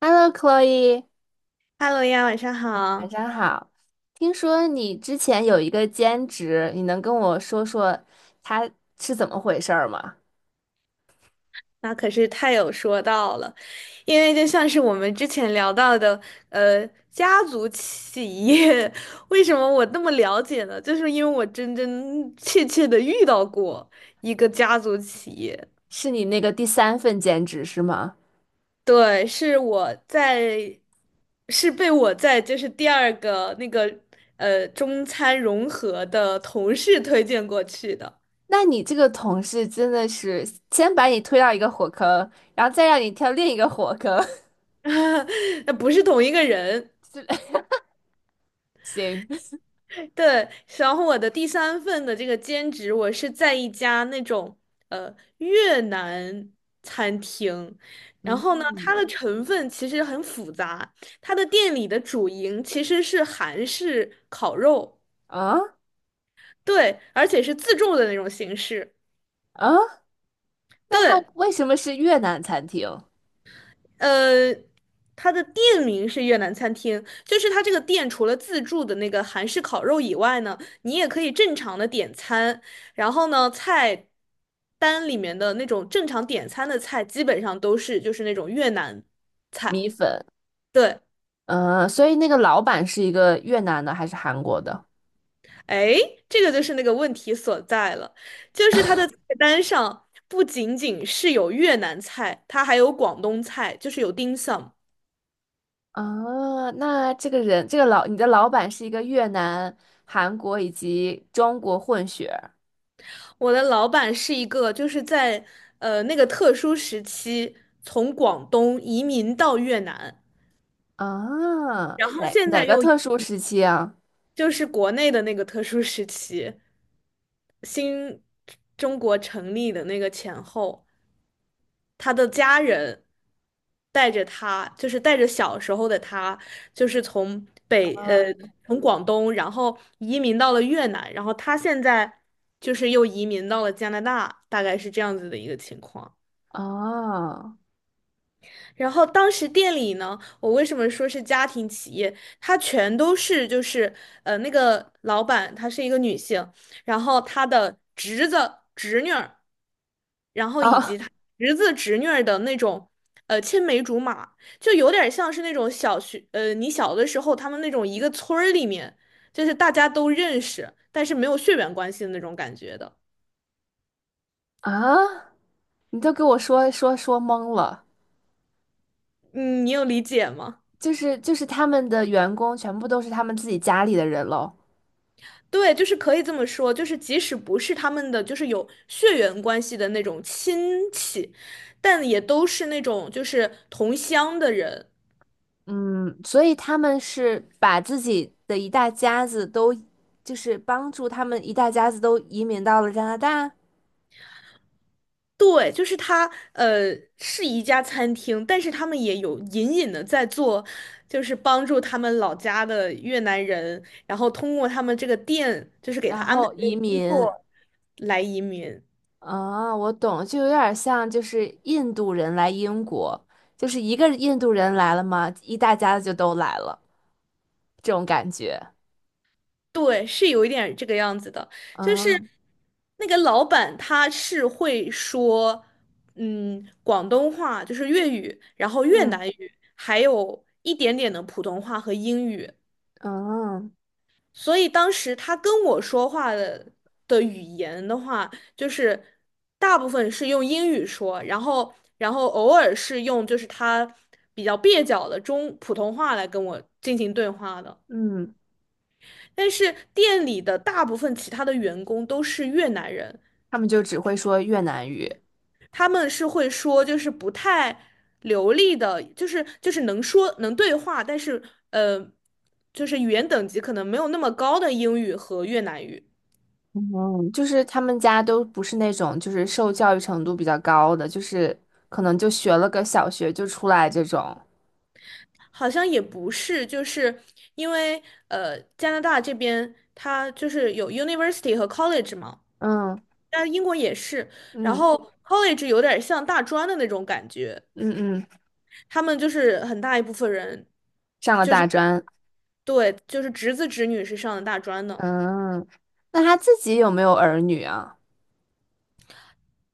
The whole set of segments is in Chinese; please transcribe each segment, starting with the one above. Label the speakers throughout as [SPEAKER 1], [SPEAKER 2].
[SPEAKER 1] Hello，Chloe，
[SPEAKER 2] Hello 呀，晚上
[SPEAKER 1] 晚
[SPEAKER 2] 好。
[SPEAKER 1] 上好。听说你之前有一个兼职，你能跟我说说它是怎么回事儿吗？
[SPEAKER 2] 那可是太有说到了，因为就像是我们之前聊到的，家族企业，为什么我那么了解呢？就是因为我真真切切的遇到过一个家族企业。
[SPEAKER 1] 是你那个第三份兼职是吗？
[SPEAKER 2] 对，是我在，是被我在就是第二个那个中餐融合的同事推荐过去的。
[SPEAKER 1] 那你这个同事真的是先把你推到一个火坑，然后再让你跳另一个火坑。
[SPEAKER 2] 那不是同一个人。
[SPEAKER 1] 行。
[SPEAKER 2] 对，然后我的第三份的这个兼职，我是在一家那种越南餐厅。然后呢，它
[SPEAKER 1] 嗯。
[SPEAKER 2] 的成分其实很复杂，它的店里的主营其实是韩式烤肉。
[SPEAKER 1] 啊
[SPEAKER 2] 对，而且是自助的那种形式。
[SPEAKER 1] 啊，那他
[SPEAKER 2] 对，
[SPEAKER 1] 为什么是越南餐厅？
[SPEAKER 2] 呃，它的店名是越南餐厅，就是它这个店除了自助的那个韩式烤肉以外呢，你也可以正常的点餐。然后呢，菜单里面的那种正常点餐的菜，基本上都是就是那种越南菜。
[SPEAKER 1] 米粉。
[SPEAKER 2] 对，
[SPEAKER 1] 嗯，所以那个老板是一个越南的还是韩国的？
[SPEAKER 2] 哎，这个就是那个问题所在了，就是它的菜单上不仅仅是有越南菜，它还有广东菜，就是有 dim sum。
[SPEAKER 1] 啊，那这个人，这个老，你的老板是一个越南、韩国以及中国混血
[SPEAKER 2] 我的老板是一个，就是在那个特殊时期从广东移民到越南，
[SPEAKER 1] 啊？哦，
[SPEAKER 2] 然后
[SPEAKER 1] 哪
[SPEAKER 2] 现
[SPEAKER 1] 哪
[SPEAKER 2] 在
[SPEAKER 1] 个
[SPEAKER 2] 又移
[SPEAKER 1] 特殊时期啊？
[SPEAKER 2] 就是国内的那个特殊时期，新中国成立的那个前后，他的家人带着他，就是带着小时候的他，就是从北呃
[SPEAKER 1] 啊
[SPEAKER 2] 从广东，然后移民到了越南，然后他现在就是又移民到了加拿大，大概是这样子的一个情况。
[SPEAKER 1] 啊
[SPEAKER 2] 然后当时店里呢，我为什么说是家庭企业？它全都是就是那个老板她是一个女性，然后她的侄子、侄女儿，然后以及她侄子、侄女儿的那种青梅竹马，就有点像是那种你小的时候他们那种一个村儿里面，就是大家都认识，但是没有血缘关系的那种感觉的。
[SPEAKER 1] 啊！你都给我说懵了。
[SPEAKER 2] 嗯，你有理解吗？
[SPEAKER 1] 就是他们的员工全部都是他们自己家里的人喽。
[SPEAKER 2] 对，就是可以这么说，就是即使不是他们的，就是有血缘关系的那种亲戚，但也都是那种就是同乡的人。
[SPEAKER 1] 嗯，所以他们是把自己的一大家子都，就是帮助他们一大家子都移民到了加拿大。
[SPEAKER 2] 对，就是他，呃，是一家餐厅，但是他们也有隐隐的在做，就是帮助他们老家的越南人，然后通过他们这个店，就是给他
[SPEAKER 1] 然
[SPEAKER 2] 安排
[SPEAKER 1] 后移民。
[SPEAKER 2] 来移民。
[SPEAKER 1] 啊，我懂，就有点像就是印度人来英国，就是一个印度人来了嘛，一大家子就都来了，这种感觉。
[SPEAKER 2] 对，是有一点这个样子的，就是
[SPEAKER 1] 啊。
[SPEAKER 2] 那个老板他是会说，嗯，广东话就是粤语，然后越
[SPEAKER 1] 嗯。
[SPEAKER 2] 南语，还有一点点的普通话和英语，
[SPEAKER 1] 嗯。
[SPEAKER 2] 所以当时他跟我说话的的语言的话，就是大部分是用英语说，然后偶尔是用就是他比较蹩脚的中普通话来跟我进行对话的。
[SPEAKER 1] 嗯，
[SPEAKER 2] 但是店里的大部分其他的员工都是越南人，
[SPEAKER 1] 他们就只会说越南语。
[SPEAKER 2] 他们是会说就是不太流利的，就是能说能对话，但是呃，就是语言等级可能没有那么高的英语和越南语。
[SPEAKER 1] 嗯，就是他们家都不是那种就是受教育程度比较高的，就是可能就学了个小学就出来这种。
[SPEAKER 2] 好像也不是，就是因为加拿大这边它就是有 university 和 college 嘛，
[SPEAKER 1] 嗯。
[SPEAKER 2] 但英国也是，然
[SPEAKER 1] 嗯。
[SPEAKER 2] 后 college 有点像大专的那种感觉。
[SPEAKER 1] 嗯。嗯，
[SPEAKER 2] 他们就是很大一部分人，
[SPEAKER 1] 上了
[SPEAKER 2] 就
[SPEAKER 1] 大
[SPEAKER 2] 是
[SPEAKER 1] 专。
[SPEAKER 2] 对，就是侄子侄女是上的大专的。
[SPEAKER 1] 嗯，那他自己有没有儿女啊？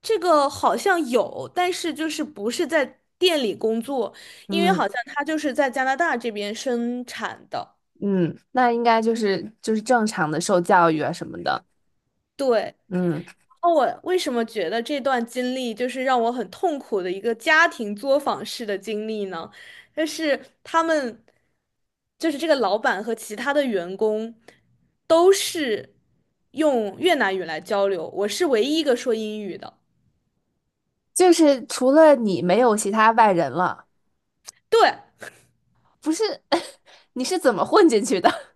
[SPEAKER 2] 这个好像有，但是就是不是在店里工作，因为
[SPEAKER 1] 嗯。
[SPEAKER 2] 好像他就是在加拿大这边生产的。
[SPEAKER 1] 嗯，那应该就是就是正常的受教育啊什么的。
[SPEAKER 2] 对。
[SPEAKER 1] 嗯，
[SPEAKER 2] 那我为什么觉得这段经历就是让我很痛苦的一个家庭作坊式的经历呢？就是他们，就是这个老板和其他的员工都是用越南语来交流，我是唯一一个说英语的。
[SPEAKER 1] 就是除了你没有其他外人了，
[SPEAKER 2] 对，
[SPEAKER 1] 不是？你是怎么混进去的？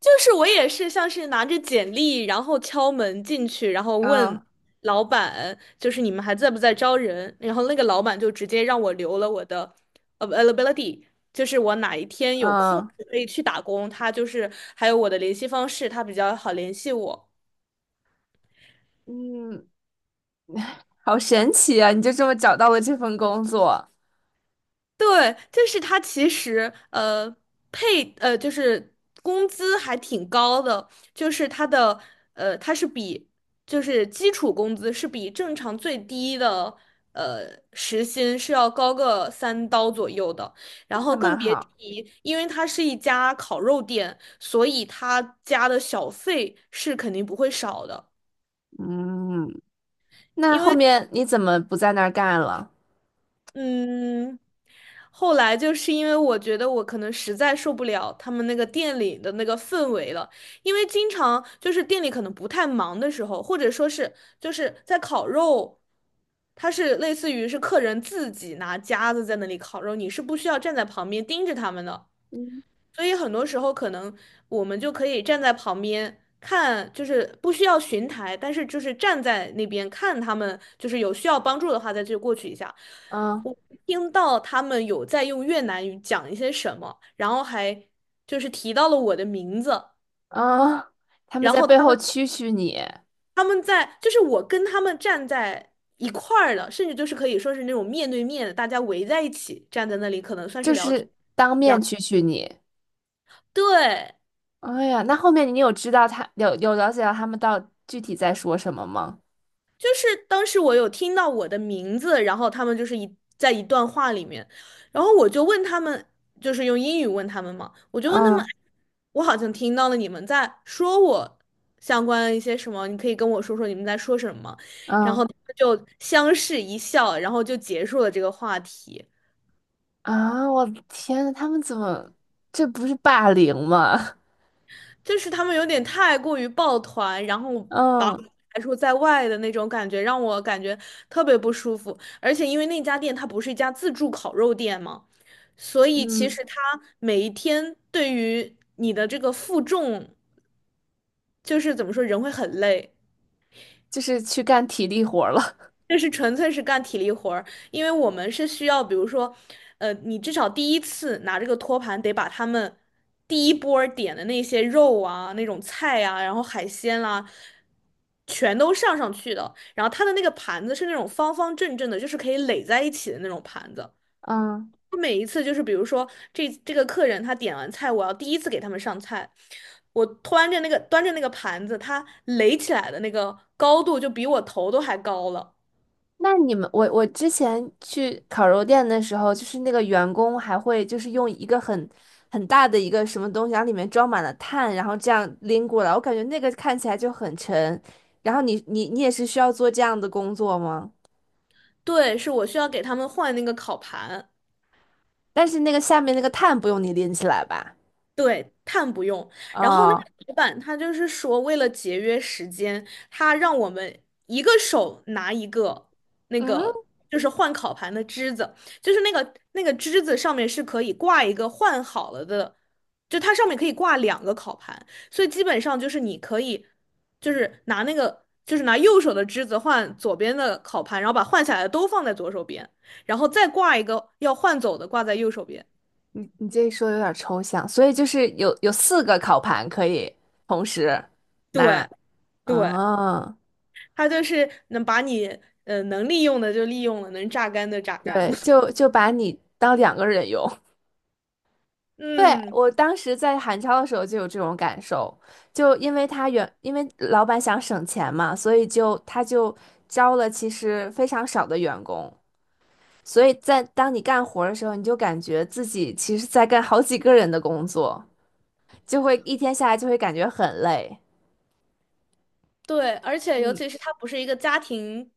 [SPEAKER 2] 就是我也是像是拿着简历，然后敲门进去，然后 问
[SPEAKER 1] 啊。
[SPEAKER 2] 老板，就是你们还在不在招人？然后那个老板就直接让我留了我的 availability，就是我哪一天有空
[SPEAKER 1] 嗯。
[SPEAKER 2] 可以去打工，他就是还有我的联系方式，他比较好联系我。
[SPEAKER 1] 嗯，好神奇啊！你就这么找到了这份工作。
[SPEAKER 2] 对，就是他其实呃配呃就是工资还挺高的，就是他的呃他是比就是基础工资是比正常最低的呃时薪是要高个三刀左右的。然
[SPEAKER 1] 那还
[SPEAKER 2] 后更
[SPEAKER 1] 蛮
[SPEAKER 2] 别
[SPEAKER 1] 好。
[SPEAKER 2] 提，因为它是一家烤肉店，所以他加的小费是肯定不会少的。
[SPEAKER 1] 嗯，那
[SPEAKER 2] 因
[SPEAKER 1] 后
[SPEAKER 2] 为
[SPEAKER 1] 面你怎么不在那儿干了？
[SPEAKER 2] 嗯，后来就是因为我觉得我可能实在受不了他们那个店里的那个氛围了，因为经常就是店里可能不太忙的时候，或者说是就是在烤肉，它是类似于是客人自己拿夹子在那里烤肉，你是不需要站在旁边盯着他们的。
[SPEAKER 1] 嗯。
[SPEAKER 2] 所以很多时候可能我们就可以站在旁边看，就是不需要巡台，但是就是站在那边看他们，就是有需要帮助的话再去过去一下。
[SPEAKER 1] 嗯。
[SPEAKER 2] 我听到他们有在用越南语讲一些什么，然后还就是提到了我的名字。
[SPEAKER 1] 嗯，他们
[SPEAKER 2] 然
[SPEAKER 1] 在
[SPEAKER 2] 后
[SPEAKER 1] 背
[SPEAKER 2] 他
[SPEAKER 1] 后
[SPEAKER 2] 们
[SPEAKER 1] 蛐蛐你。
[SPEAKER 2] 他们在就是我跟他们站在一块儿的，甚至就是可以说是那种面对面的，大家围在一起站在那里，可能算是
[SPEAKER 1] 就
[SPEAKER 2] 聊天
[SPEAKER 1] 是当
[SPEAKER 2] 一
[SPEAKER 1] 面
[SPEAKER 2] 样。
[SPEAKER 1] 蛐蛐你。
[SPEAKER 2] 对。
[SPEAKER 1] 哎呀，那后面你有知道他有了解到他们到具体在说什么吗？
[SPEAKER 2] 就是当时我有听到我的名字，然后他们就是一在一段话里面，然后我就问他们，就是用英语问他们嘛，我就问他们，
[SPEAKER 1] 嗯。
[SPEAKER 2] 我好像听到了你们在说我相关一些什么，你可以跟我说说你们在说什么吗？然
[SPEAKER 1] 嗯。
[SPEAKER 2] 后他们就相视一笑，然后就结束了这个话题。
[SPEAKER 1] 啊，我的天呐，他们怎么这不是霸凌吗？
[SPEAKER 2] 就是他们有点太过于抱团，然后
[SPEAKER 1] 嗯。
[SPEAKER 2] 排除在外的那种感觉，让我感觉特别不舒服。而且因为那家店它不是一家自助烤肉店嘛，所以其
[SPEAKER 1] 嗯，
[SPEAKER 2] 实它每一天对于你的这个负重，就是怎么说，人会很累。
[SPEAKER 1] 就是去干体力活儿了。
[SPEAKER 2] 这是纯粹是干体力活儿，因为我们是需要,比如说,你至少第一次拿这个托盘得把他们第一波儿点的那些肉啊、那种菜啊，然后海鲜啦、全都上上去的。然后它的那个盘子是那种方方正正的，就是可以垒在一起的那种盘子。
[SPEAKER 1] 嗯。
[SPEAKER 2] 我每一次就是比如说这个客人他点完菜，我要第一次给他们上菜，我端着那个端着那个盘子，它垒起来的那个高度就比我头都还高了。
[SPEAKER 1] 那你们，我之前去烤肉店的时候，就是那个员工还会就是用一个很大的一个什么东西，然后里面装满了碳，然后这样拎过来，我感觉那个看起来就很沉。然后你也是需要做这样的工作吗？
[SPEAKER 2] 对，是我需要给他们换那个烤盘。
[SPEAKER 1] 但是那个下面那个碳不用你拎起来吧？
[SPEAKER 2] 对，碳不用。然后那个
[SPEAKER 1] 哦。
[SPEAKER 2] 老板他就是说，为了节约时间，他让我们一个手拿一个那
[SPEAKER 1] 嗯，
[SPEAKER 2] 个就是换烤盘的枝子，就是那个枝子上面是可以挂一个换好了的，就它上面可以挂两个烤盘，所以基本上就是你可以就是拿那个就是拿右手的枝子换左边的烤盘，然后把换下来的都放在左手边，然后再挂一个要换走的挂在右手边。
[SPEAKER 1] 你这一说有点抽象，所以就是有四个烤盘可以同时拿。
[SPEAKER 2] 对对。
[SPEAKER 1] 哦。
[SPEAKER 2] 他就是能把你能利用的就利用了，能榨干的榨干
[SPEAKER 1] 对，
[SPEAKER 2] 了。
[SPEAKER 1] 就就把你当两个人用。对，
[SPEAKER 2] 嗯，
[SPEAKER 1] 我当时在韩超的时候就有这种感受，就因为他因为老板想省钱嘛，所以就他就招了其实非常少的员工，所以在当你干活儿的时候，你就感觉自己其实在干好几个人的工作。就会一天下来就会感觉很累。
[SPEAKER 2] 对，而且尤
[SPEAKER 1] 嗯，
[SPEAKER 2] 其是他不是一个家庭，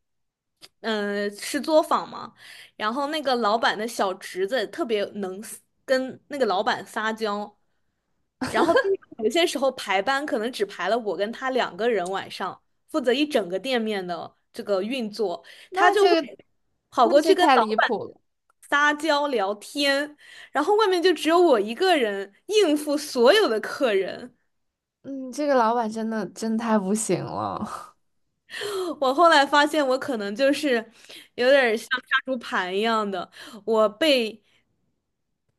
[SPEAKER 2] 嗯、是作坊嘛，然后那个老板的小侄子特别能撒跟那个老板撒娇，然后经常有些时候排班可能只排了我跟他两个人晚上，负责一整个店面的这个运作，他
[SPEAKER 1] 那
[SPEAKER 2] 就会
[SPEAKER 1] 这个，
[SPEAKER 2] 跑
[SPEAKER 1] 那
[SPEAKER 2] 过
[SPEAKER 1] 这
[SPEAKER 2] 去跟
[SPEAKER 1] 太
[SPEAKER 2] 老
[SPEAKER 1] 离
[SPEAKER 2] 板
[SPEAKER 1] 谱了。
[SPEAKER 2] 撒娇聊天，然后外面就只有我一个人应付所有的客人。
[SPEAKER 1] 嗯，这个老板真的真太不行了。
[SPEAKER 2] 我后来发现，我可能就是有点儿像杀猪盘一样的，我被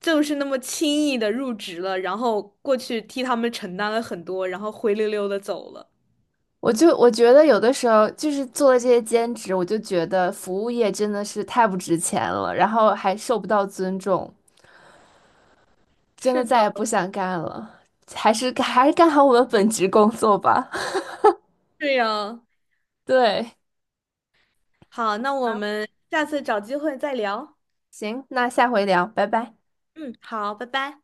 [SPEAKER 2] 就是那么轻易的入职了，然后过去替他们承担了很多，然后灰溜溜的走了。
[SPEAKER 1] 我觉得有的时候就是做了这些兼职，我就觉得服务业真的是太不值钱了，然后还受不到尊重，真的
[SPEAKER 2] 是
[SPEAKER 1] 再
[SPEAKER 2] 的，
[SPEAKER 1] 也不想干了。还是干好我们本职工作吧。
[SPEAKER 2] 是呀。
[SPEAKER 1] 对。
[SPEAKER 2] 好，那我
[SPEAKER 1] 好。
[SPEAKER 2] 们下次找机会再聊。
[SPEAKER 1] 行，那下回聊，拜拜。
[SPEAKER 2] 嗯，好，拜拜。